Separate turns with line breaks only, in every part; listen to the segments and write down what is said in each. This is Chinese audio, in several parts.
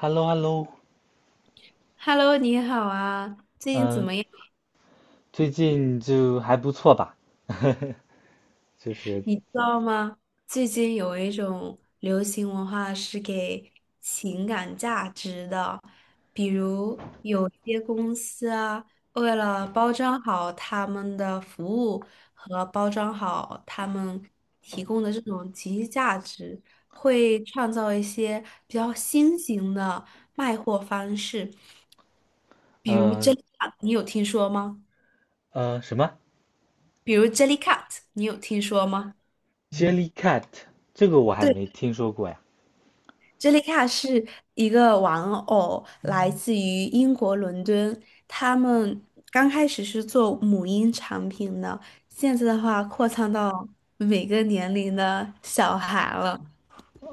h e l l o h e l l o。
Hello，你好啊，最近怎
嗯，
么样？
最近就还不错吧。就是，
你知道吗？最近有一种流行文化是给情感价值的，比如有些公司啊，为了包装好他们的服务和包装好他们提供的这种情绪价值，会创造一些比较新型的卖货方式，比如
呃
Jellycat，你有听说吗？
什么
比如 Jellycat，你有听说吗？
Jellycat,这个我还
对，j e
没
l
听说过呀。
杰里卡是一个玩偶，来自于英国伦敦。他们刚开始是做母婴产品的，现在的话扩仓到每个年龄的小孩了。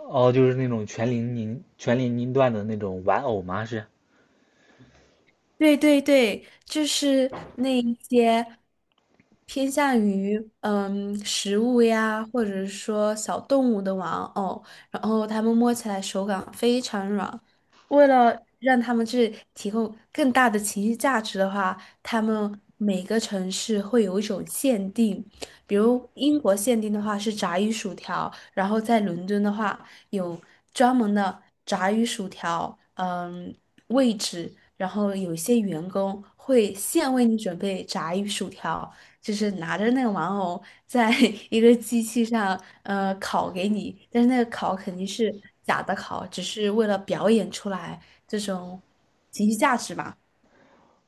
哦，就是那种全年龄段的那种玩偶吗？是？
对对对，就是那一些偏向于食物呀，或者是说小动物的玩偶，然后他们摸起来手感非常软。为了让他们去提供更大的情绪价值的话，他们每个城市会有一种限定，比如英国限定的话是炸鱼薯条，然后在伦敦的话有专门的炸鱼薯条，位置。然后有一些员工会现为你准备炸鱼薯条，就是拿着那个玩偶在 一个机器上烤给你，但是那个烤肯定是假的烤，只是为了表演出来这种情绪价值吧。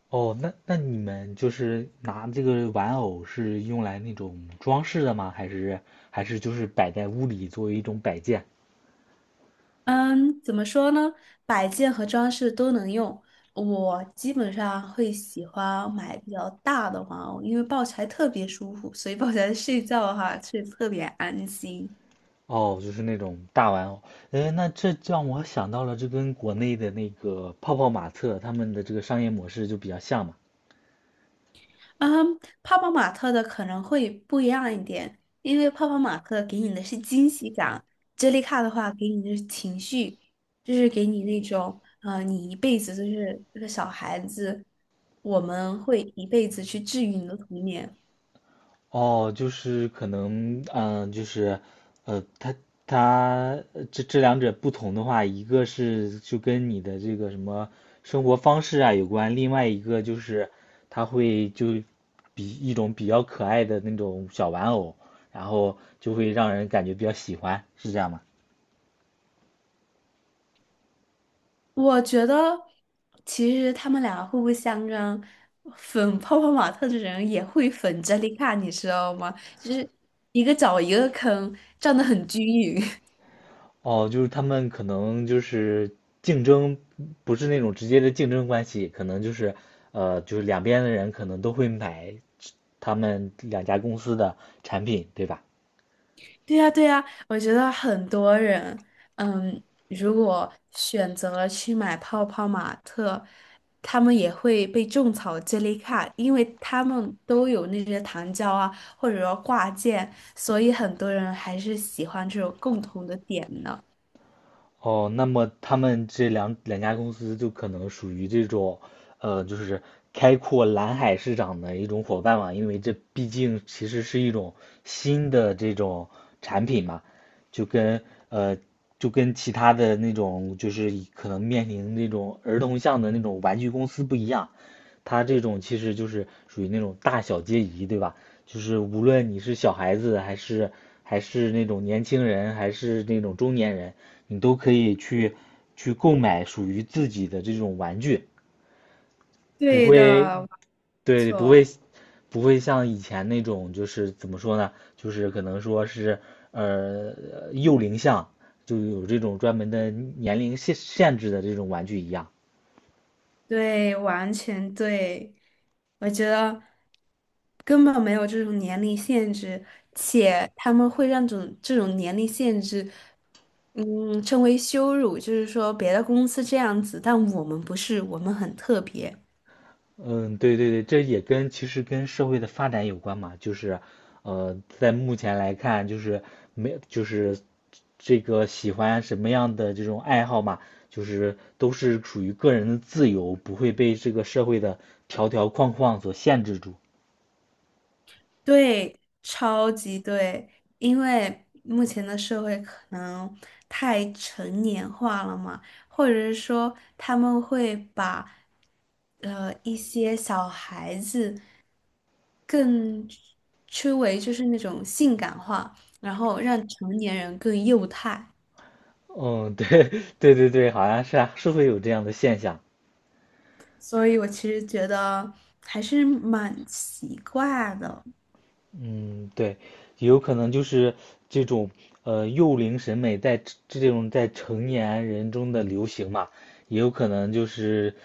哦，那你们就是拿这个玩偶是用来那种装饰的吗？还是就是摆在屋里作为一种摆件？
嗯，怎么说呢？摆件和装饰都能用。我基本上会喜欢买比较大的玩偶，因为抱起来特别舒服，所以抱起来睡觉的话，睡得特别安心。
哦，就是那种大玩偶。哎，那这让我想到了，这跟国内的那个泡泡玛特他们的这个商业模式就比较像嘛。
嗯，泡泡玛特的可能会不一样一点，因为泡泡玛特给你的是惊喜感，接力卡的话给你的是情绪，就是给你那种，呃，你一辈子就是这个小孩子，我们会一辈子去治愈你的童年。
哦，就是可能，它这两者不同的话，一个是就跟你的这个什么生活方式啊有关，另外一个就是它会就比一种比较可爱的那种小玩偶，然后就会让人感觉比较喜欢，是这样吗？
我觉得其实他们俩互不相让，粉泡泡玛特的人也会粉 j e l 杰丽卡，你知道吗？就是一个找一个坑，站得很均匀。
哦，就是他们可能就是竞争，不是那种直接的竞争关系，可能就是就是两边的人可能都会买他们两家公司的产品，对吧？
对呀，对呀，我觉得很多人，嗯，如果选择了去买泡泡玛特，他们也会被种草 j e l 这类卡，因为他们都有那些糖胶啊，或者说挂件，所以很多人还是喜欢这种共同的点呢。
哦，那么他们这两家公司就可能属于这种，就是开阔蓝海市场的一种伙伴嘛，因为这毕竟其实是一种新的这种产品嘛，就跟呃就跟其他的那种就是可能面临那种儿童向的那种玩具公司不一样，他这种其实就是属于那种大小皆宜，对吧？就是无论你是小孩子，还是那种年轻人，还是那种中年人，你都可以去去购买属于自己的这种玩具，不
对
会，
的，没
对，
错，
不会像以前那种就是怎么说呢？就是可能说是幼龄向，就有这种专门的年龄限制的这种玩具一样。
对，完全对。我觉得根本没有这种年龄限制，且他们会让这种年龄限制。嗯，称为羞辱，就是说别的公司这样子，但我们不是，我们很特别。
嗯，对对对，这也跟其实跟社会的发展有关嘛，就是，呃，在目前来看，就是没就是这个喜欢什么样的这种爱好嘛，就是都是属于个人的自由，不会被这个社会的条条框框所限制住。
对，超级对，因为目前的社会可能太成年化了嘛，或者是说他们会把一些小孩子更称为就是那种性感化，然后让成年人更幼态。
嗯，对 对对对，好像是啊，是会有这样的现象。
所以我其实觉得还是蛮奇怪的。
嗯，对，也有可能就是这种幼龄审美在这种在成年人中的流行嘛，也有可能就是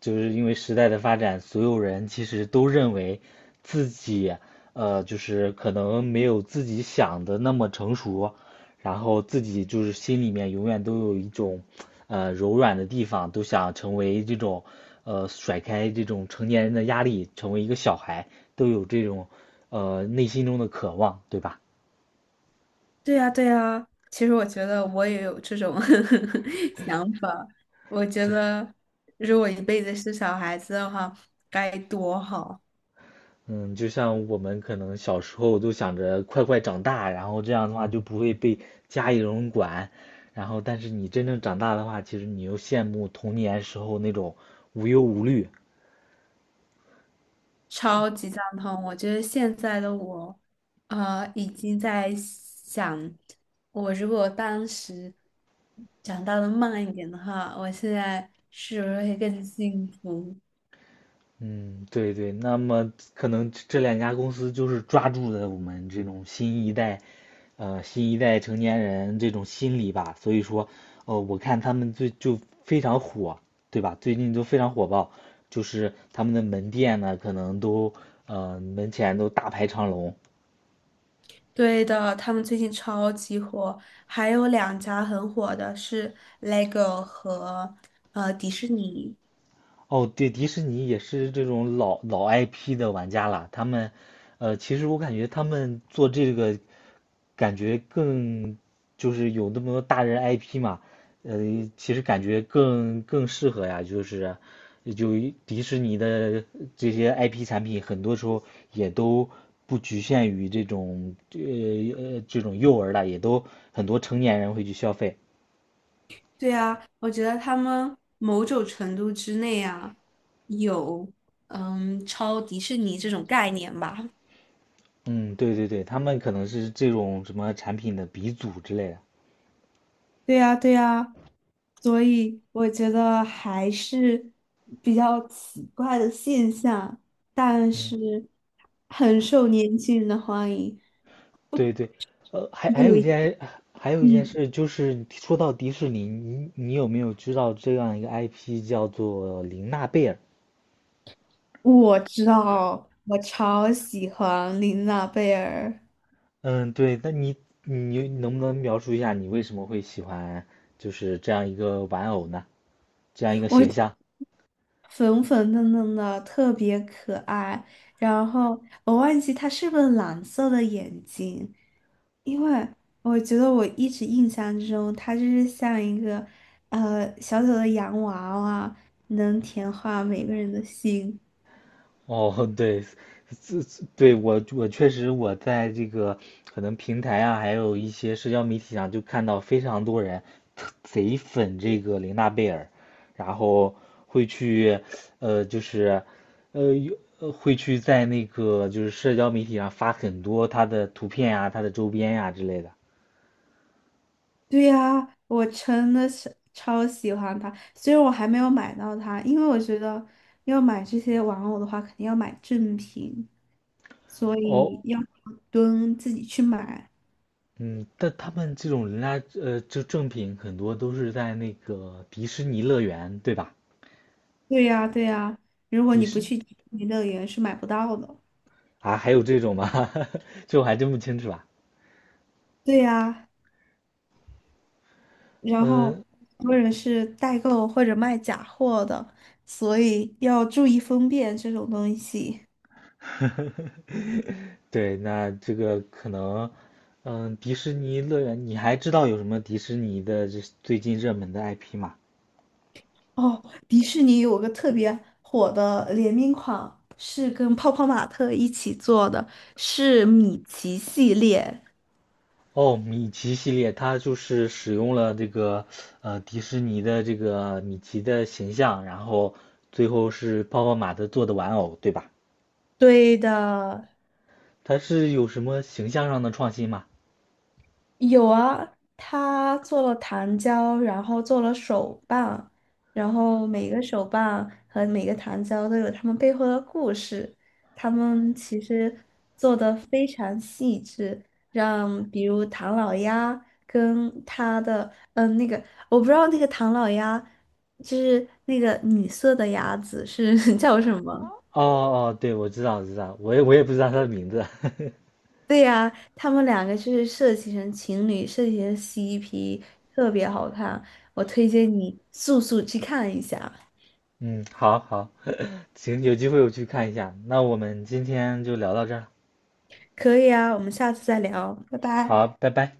就是因为时代的发展，所有人其实都认为自己就是可能没有自己想的那么成熟，然后自己就是心里面永远都有一种，柔软的地方，都想成为这种，甩开这种成年人的压力，成为一个小孩，都有这种，内心中的渴望，对吧？
对呀，对呀，其实我觉得我也有这种 想法。我觉得如果一辈子是小孩子的话，该多好，
嗯，就像我们可能小时候都想着快快长大，然后这样的话就不会被家里人管，然后但是你真正长大的话，其实你又羡慕童年时候那种无忧无虑。
超级赞同。我觉得现在的我，啊，已经在想，我如果当时长大的慢一点的话，我现在是不是会更幸福？
嗯，对对，那么可能这两家公司就是抓住了我们这种新一代，新一代成年人这种心理吧，所以说，呃，我看他们最就非常火，对吧？最近都非常火爆，就是他们的门店呢，可能都，呃，门前都大排长龙。
对的，他们最近超级火，还有两家很火的是 LEGO 和迪士尼。
哦，对，迪士尼也是这种老 IP 的玩家了。他们，呃，其实我感觉他们做这个，感觉更就是有那么多大人 IP 嘛，呃，其实感觉更适合呀。就是就迪士尼的这些 IP 产品，很多时候也都不局限于这种呃这种幼儿了，也都很多成年人会去消费。
对啊，我觉得他们某种程度之内啊，有超迪士尼这种概念吧。
嗯，对对对，他们可能是这种什么产品的鼻祖之类的。
对呀，对呀，所以我觉得还是比较奇怪的现象，但是很受年轻人的欢迎。
对对，呃，还有
有
一
一，
件，还有一件
嗯。
事就是，说到迪士尼，你有没有知道这样一个 IP 叫做玲娜贝尔？
我知道，我超喜欢琳娜贝儿，
嗯，对，那你能不能描述一下你为什么会喜欢就是这样一个玩偶呢？这样一个形
我
象？
粉粉嫩嫩的，特别可爱。然后我忘记她是不是蓝色的眼睛，因为我觉得我一直印象中她就是像一个小小的洋娃娃，能甜化每个人的心。
哦，对，这对我确实我在这个可能平台啊，还有一些社交媒体上就看到非常多人特贼粉这个玲娜贝尔，然后会去呃就是呃有呃会去在那个就是社交媒体上发很多她的图片啊、她的周边呀、之类的。
对呀，我真的是超喜欢它，虽然我还没有买到它，因为我觉得要买这些玩偶的话，肯定要买正品，所
哦，
以要蹲自己去买。
嗯，但他们这种人家就正品很多都是在那个迪士尼乐园，对吧？
对呀，对呀，如果
迪
你不
士
去迪士尼乐园是买不到的。
啊，还有这种吗？这我还真不清楚啊。
对呀，然后
嗯，
很多人是代购或者卖假货的，所以要注意分辨这种东西。
对，那这个可能，嗯，迪士尼乐园，你还知道有什么迪士尼的这最近热门的 IP 吗？
哦，迪士尼有个特别火的联名款，是跟泡泡玛特一起做的，是米奇系列。
哦，米奇系列，它就是使用了这个迪士尼的这个米奇的形象，然后最后是泡泡玛特做的玩偶，对吧？
对的，
它是有什么形象上的创新吗？
有啊，他做了糖胶，然后做了手办，然后每个手办和每个糖胶都有他们背后的故事。他们其实做的非常细致，让比如唐老鸭跟他的那个，我不知道那个唐老鸭就是那个女色的鸭子是 叫什么。
哦哦，对，我知道，我知道，我也不知道它的名字。
对呀，他们两个就是设计成情侣，设计成 CP，特别好看。我推荐你速速去看一下。
嗯，好好。行，有机会我去看一下。那我们今天就聊到这儿。
可以啊，我们下次再聊，拜拜。
好，拜拜。